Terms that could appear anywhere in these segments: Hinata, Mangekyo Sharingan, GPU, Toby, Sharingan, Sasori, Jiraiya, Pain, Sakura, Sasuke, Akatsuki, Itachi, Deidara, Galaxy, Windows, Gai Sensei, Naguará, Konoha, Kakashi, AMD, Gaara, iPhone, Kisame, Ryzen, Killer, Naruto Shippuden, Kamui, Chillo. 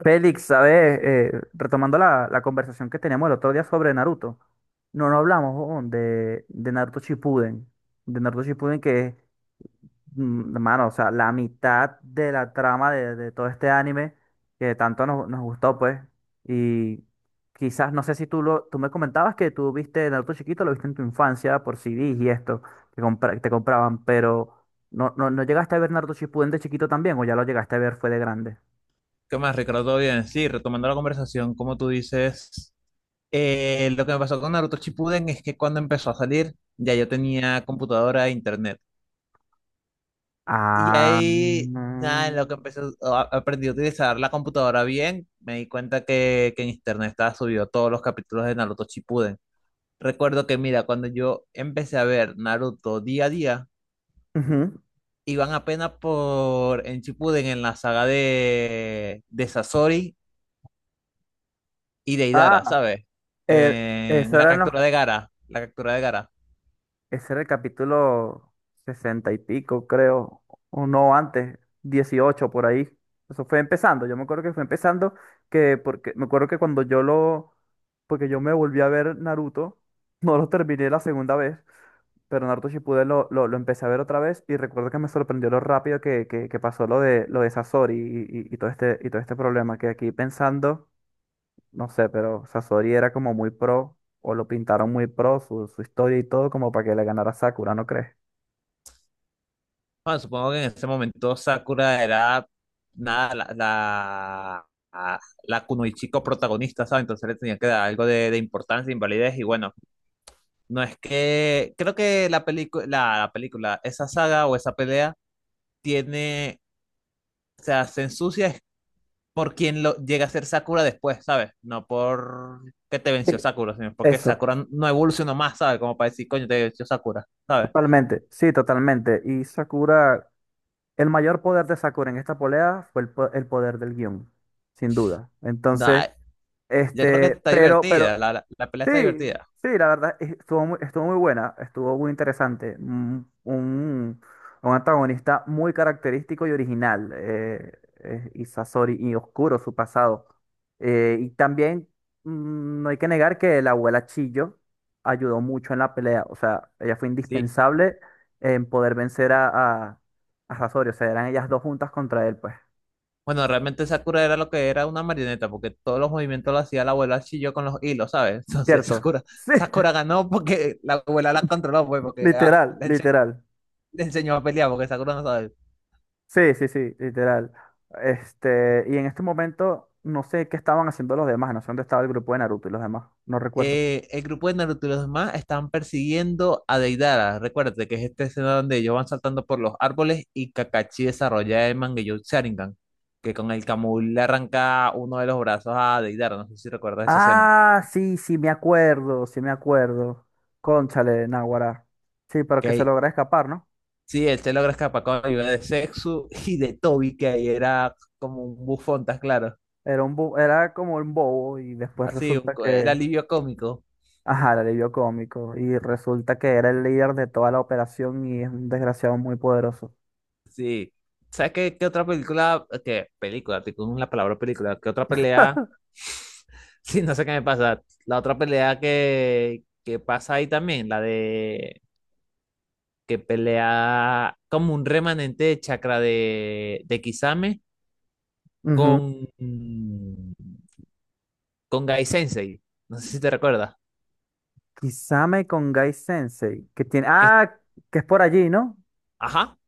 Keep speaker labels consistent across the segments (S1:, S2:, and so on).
S1: Félix, ¿sabes? Retomando la conversación que teníamos el otro día sobre Naruto, no, no hablamos, huevón, de Naruto Shippuden que es, hermano, o sea, la mitad de la trama de todo este anime que tanto nos gustó, pues, y quizás, no sé si tú me comentabas que tú viste Naruto chiquito, lo viste en tu infancia por CDs y esto, que te compraban, pero ¿no llegaste a ver Naruto Shippuden de chiquito también o ya lo llegaste a ver fue de grande?
S2: ¿Qué más, Ricardo? ¿Todo bien? Sí, retomando la conversación, como tú dices, lo que me pasó con Naruto Shippuden es que cuando empezó a salir, ya yo tenía computadora e internet. Y
S1: Ah,
S2: ahí, nada, en lo que
S1: mm,
S2: empecé, aprendí a utilizar la computadora bien, me di cuenta que en internet estaba subido todos los capítulos de Naruto Shippuden. Recuerdo que, mira, cuando yo empecé a ver Naruto día a día,
S1: ujú.
S2: iban apenas por en Shippuden, en la saga de Sasori y
S1: Ah,
S2: Deidara, ¿sabes?
S1: eh,
S2: En
S1: Eso
S2: la
S1: eran
S2: captura de Gara, la captura de Gara.
S1: ese era el capítulo sesenta y pico, creo, o no, antes, 18 por ahí. Eso fue empezando, yo me acuerdo que fue empezando, que porque me acuerdo que cuando porque yo me volví a ver Naruto, no lo terminé la segunda vez, pero Naruto Shippuden lo empecé a ver otra vez y recuerdo que me sorprendió lo rápido que pasó lo lo de Sasori y todo y todo este problema, que aquí pensando. No sé, pero Sasori era como muy pro, o lo pintaron muy pro, su historia y todo, como para que le ganara Sakura, ¿no crees?
S2: Bueno, supongo que en ese momento Sakura era nada, la la Kunoichiko protagonista, ¿sabes? Entonces le tenía que dar algo de importancia, invalidez, y bueno, no es que, creo que la película, la película, esa saga o esa pelea tiene, o sea, se ensucia es por quien lo llega a ser Sakura después, ¿sabes? No por que te
S1: Sí,
S2: venció Sakura, sino porque
S1: eso,
S2: Sakura no evolucionó más, ¿sabes? Como para decir, coño, te venció Sakura, ¿sabes?
S1: totalmente, sí, totalmente. Y Sakura, el mayor poder de Sakura en esta pelea fue el poder del guión, sin duda. Entonces,
S2: No, yo creo que está
S1: pero
S2: divertida, la pelea está
S1: sí,
S2: divertida.
S1: sí, la verdad estuvo muy buena, estuvo muy interesante. Un antagonista muy característico y original, y Sasori, y oscuro su pasado. Y también, no hay que negar que la abuela Chillo ayudó mucho en la pelea, o sea, ella fue
S2: Sí.
S1: indispensable en poder vencer a, a Sasori, o sea, eran ellas dos juntas contra él, pues.
S2: Bueno, realmente Sakura era lo que era una marioneta, porque todos los movimientos lo hacía la abuela Chilló con los hilos, ¿sabes? Entonces
S1: ¿Cierto?
S2: Sakura,
S1: Sí,
S2: Sakura ganó porque la abuela la controló, pues, porque ah,
S1: literal, literal.
S2: le enseñó a pelear, porque Sakura no sabe.
S1: Sí, sí, sí, literal. Y en este momento no sé qué estaban haciendo los demás, no sé dónde estaba el grupo de Naruto y los demás, no recuerdo.
S2: El grupo de Naruto y los demás están persiguiendo a Deidara. Recuérdate que es esta escena donde ellos van saltando por los árboles y Kakashi desarrolla el Mangekyo Sharingan, que con el Kamui le arranca uno de los brazos a Deidara. No sé si recuerdas esa escena.
S1: Ah, sí, sí, me acuerdo, sí, me acuerdo. Cónchale, Naguará. Sí, pero que se
S2: Que
S1: logra escapar, ¿no?
S2: sí, él se logra escapar con la ayuda de Sexu y de Toby, que ahí era como un bufón, ¿estás claro?
S1: Era un era como un bobo y después
S2: Así, un,
S1: resulta
S2: era
S1: que,
S2: alivio cómico.
S1: ajá, el alivio cómico y resulta que era el líder de toda la operación y es un desgraciado muy poderoso.
S2: Sí. ¿Sabes qué, qué otra película? ¿Qué película? Te con la palabra película. ¿Qué otra pelea? Sí, no sé qué me pasa. La otra pelea que pasa ahí también, la de que pelea como un remanente de chakra de Kisame
S1: Ujú.
S2: con, con Gai Sensei. No sé si te recuerdas.
S1: Kisame con Gai Sensei, que tiene,
S2: Que
S1: ah, que es por allí, ¿no?
S2: ajá,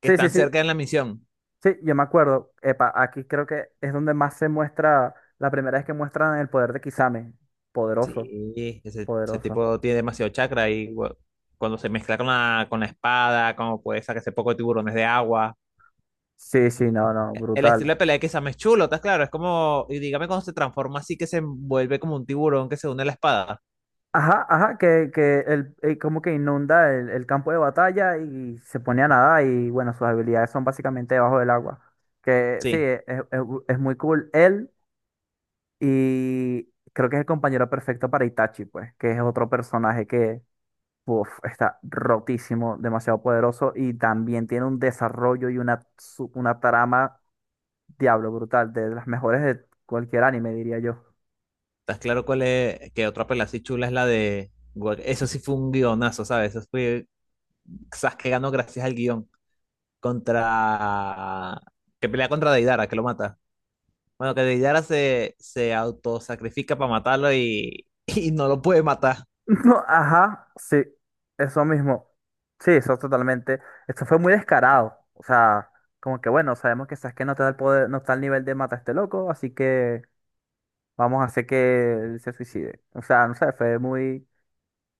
S2: que
S1: Sí, sí,
S2: están
S1: sí.
S2: cerca en la misión.
S1: Sí, yo me acuerdo. Epa, aquí creo que es donde más se muestra, la primera vez que muestran el poder de Kisame. Poderoso,
S2: Sí. Ese
S1: poderoso.
S2: tipo tiene demasiado chakra y cuando se mezcla con la espada, como puede sacarse poco de tiburones de agua.
S1: Sí, sí, no, no,
S2: El
S1: brutal.
S2: estilo de pelea de Sam es chulo, ¿estás claro? Es como, y dígame cuando se transforma así que se vuelve como un tiburón que se une a la espada.
S1: Ajá, ajá, como que inunda el campo de batalla y se pone a nadar y bueno, sus habilidades son básicamente debajo del agua. Que sí,
S2: Sí,
S1: es muy cool él y creo que es el compañero perfecto para Itachi, pues, que es otro personaje. Uf, está rotísimo, demasiado poderoso y también tiene un desarrollo y una trama, diablo, brutal, de las mejores de cualquier anime, diría yo.
S2: ¿estás claro cuál es? Que otra pelea así chula es la de... Eso sí fue un guionazo, ¿sabes? Eso fue Sasuke ganó gracias al guión contra... que pelea contra Deidara, que lo mata. Bueno, que Deidara se autosacrifica para matarlo y, y no lo puede matar.
S1: No, ajá, sí, eso mismo. Sí, eso totalmente. Esto fue muy descarado. O sea, como que bueno, sabemos que Sasuke no te da el poder, no está al nivel de mata a este loco, así que vamos a hacer que él se suicide. O sea, no sé,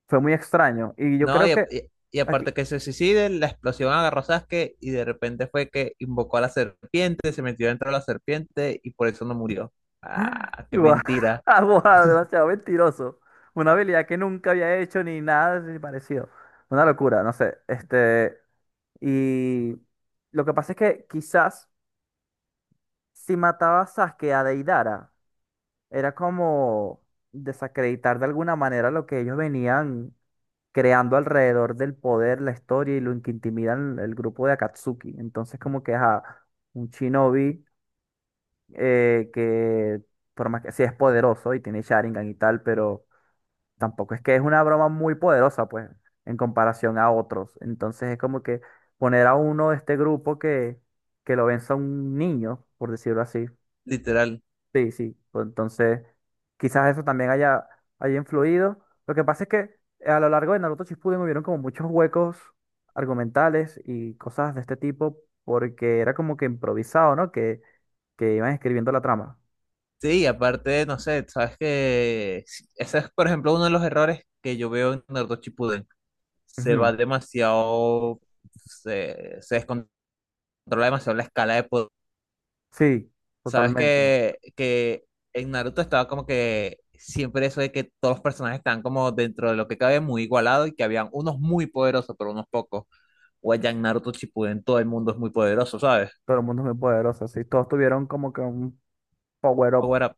S1: fue muy extraño. Y yo
S2: No,
S1: creo
S2: y, a-
S1: que
S2: y- y aparte
S1: aquí,
S2: que se suicide, la explosión agarró a Sasuke y de repente fue que invocó a la serpiente, se metió dentro de la serpiente y por eso no murió. Ah, qué
S1: guau,
S2: mentira,
S1: guau, demasiado mentiroso. Una habilidad que nunca había hecho ni nada así parecido. Una locura, no sé. Y lo que pasa es que quizás si mataba a Sasuke a Deidara, era como desacreditar de alguna manera lo que ellos venían creando alrededor del poder, la historia y lo que intimidan el grupo de Akatsuki. Entonces, como que ajá, un shinobi, eh, que, por más que sí es poderoso y tiene Sharingan y tal, pero tampoco es que es una broma muy poderosa, pues, en comparación a otros. Entonces es como que poner a uno de este que lo venza un niño, por decirlo así.
S2: literal.
S1: Sí, sí, pues, entonces, quizás eso también haya influido. Lo que pasa es que, a lo largo de Naruto Shippuden hubieron como muchos huecos argumentales y cosas de este tipo, porque era como que improvisado, ¿no? Que iban escribiendo la trama.
S2: Sí, y aparte, no sé, sabes que ese es, por ejemplo, uno de los errores que yo veo en Naruto Shippuden. Se
S1: Ujú.
S2: va demasiado, se descontrola demasiado la escala de poder.
S1: Sí,
S2: Sabes
S1: totalmente.
S2: que en Naruto estaba como que siempre eso de que todos los personajes están como dentro de lo que cabe muy igualado y que habían unos muy poderosos, pero unos pocos. O allá en Naruto Shippuden todo el mundo es muy poderoso, ¿sabes?
S1: Todo el mundo es muy poderoso, sí. Todos tuvieron como que un power up.
S2: Power up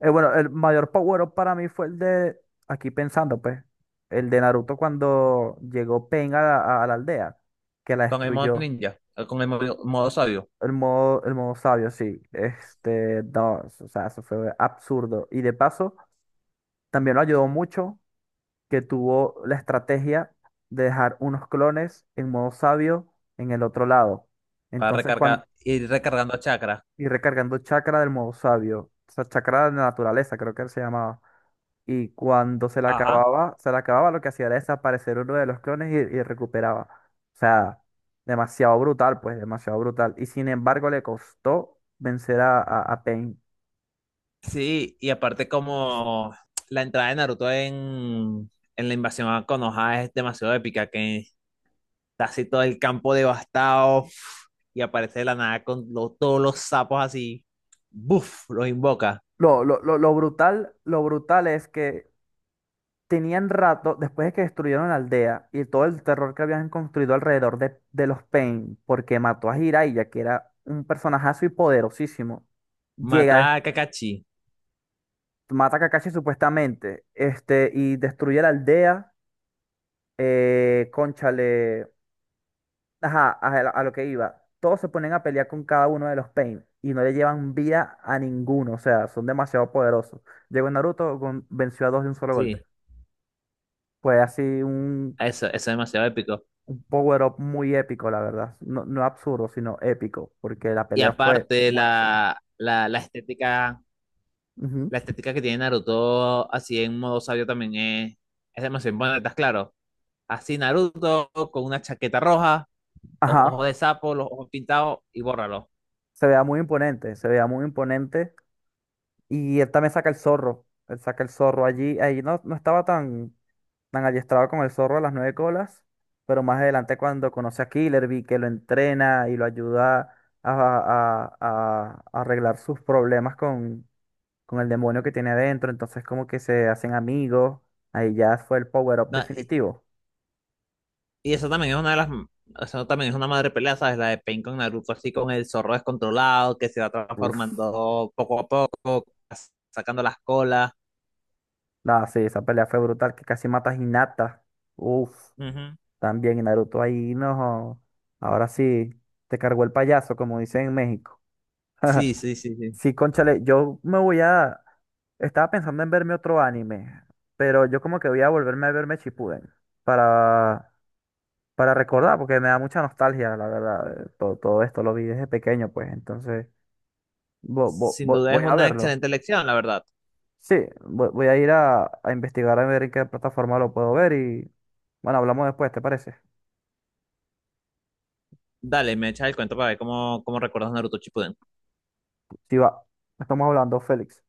S1: Bueno, el mayor power up para mí fue el de, aquí pensando, pues, el de Naruto cuando llegó Pain a la aldea, que la
S2: con el modo
S1: destruyó.
S2: ninja, con el modo, modo sabio,
S1: El modo sabio, sí. No, o sea, eso fue absurdo. Y de paso, también lo ayudó mucho que tuvo la estrategia de dejar unos clones en modo sabio en el otro lado.
S2: para
S1: Entonces,
S2: recargar, ir recargando chakra.
S1: y recargando chakra del modo sabio. O sea, chakra de la naturaleza, creo que se llamaba. Y cuando
S2: Ajá.
S1: se la acababa, lo que hacía era desaparecer uno de los clones y recuperaba. O sea, demasiado brutal, pues, demasiado brutal. Y sin embargo, le costó vencer a Pain.
S2: Sí, y aparte como la entrada de Naruto en la invasión a Konoha es demasiado épica, que está así todo el campo devastado uf, y aparece de la nada con todos los sapos así, ¡buf! Los invoca.
S1: Lo brutal es que tenían rato, después de que destruyeron la aldea y todo el terror que habían construido alrededor de los Pain, porque mató a Jiraiya, que era un personajazo y poderosísimo, llega,
S2: Mata a Kakashi.
S1: mata a Kakashi supuestamente, y destruye la aldea, cónchale, ajá, a lo que iba. Todos se ponen a pelear con cada uno de los Pain y no le llevan vida a ninguno, o sea, son demasiado poderosos. Llegó Naruto, venció a dos de un solo golpe.
S2: Sí,
S1: Fue así
S2: eso es demasiado épico.
S1: un power-up muy épico, la verdad. No, no absurdo, sino épico, porque la
S2: Y
S1: pelea fue
S2: aparte,
S1: buenísima.
S2: la estética,
S1: Ujú.
S2: la estética que tiene Naruto, así en modo sabio también es demasiado importante, ¿estás claro? Así Naruto con una chaqueta roja, los ojos
S1: Ajá,
S2: de sapo, los ojos pintados y bórralo.
S1: se vea muy imponente, se vea muy imponente. Y él también saca el zorro, él saca el zorro allí. Ahí no, no estaba tan, tan adiestrado con el zorro a las nueve colas, pero más adelante cuando conoce a Killer que lo entrena y lo ayuda a arreglar sus problemas con el demonio que tiene adentro, entonces como que se hacen amigos, ahí ya fue el power-up
S2: No,
S1: definitivo.
S2: y esa también es una de las, esa también es una madre pelea, ¿sabes? La de Pain con Naruto, así con el zorro descontrolado, que se va
S1: Uf.
S2: transformando poco a poco, sacando las colas.
S1: No, sí, esa pelea fue brutal, que casi mata a Hinata. Uf.
S2: Ujú.
S1: También y Naruto ahí, no. Ahora sí, te cargó el payaso, como dicen en México.
S2: Sí, sí, sí, sí.
S1: Sí, cónchale, yo me voy a... Estaba pensando en verme otro anime, pero yo como que voy a volverme a verme Shippuden para, para recordar, porque me da mucha nostalgia, la verdad. Todo, todo esto lo vi desde pequeño, pues, entonces
S2: Sin duda es
S1: voy a
S2: una
S1: verlo.
S2: excelente elección, la verdad.
S1: Sí, voy a ir a investigar a ver en qué plataforma lo puedo ver y bueno, hablamos después, ¿te parece?
S2: Dale, me echa el cuento para ver cómo, cómo recuerdas Naruto Shippuden.
S1: Sí, va. Estamos hablando, Félix.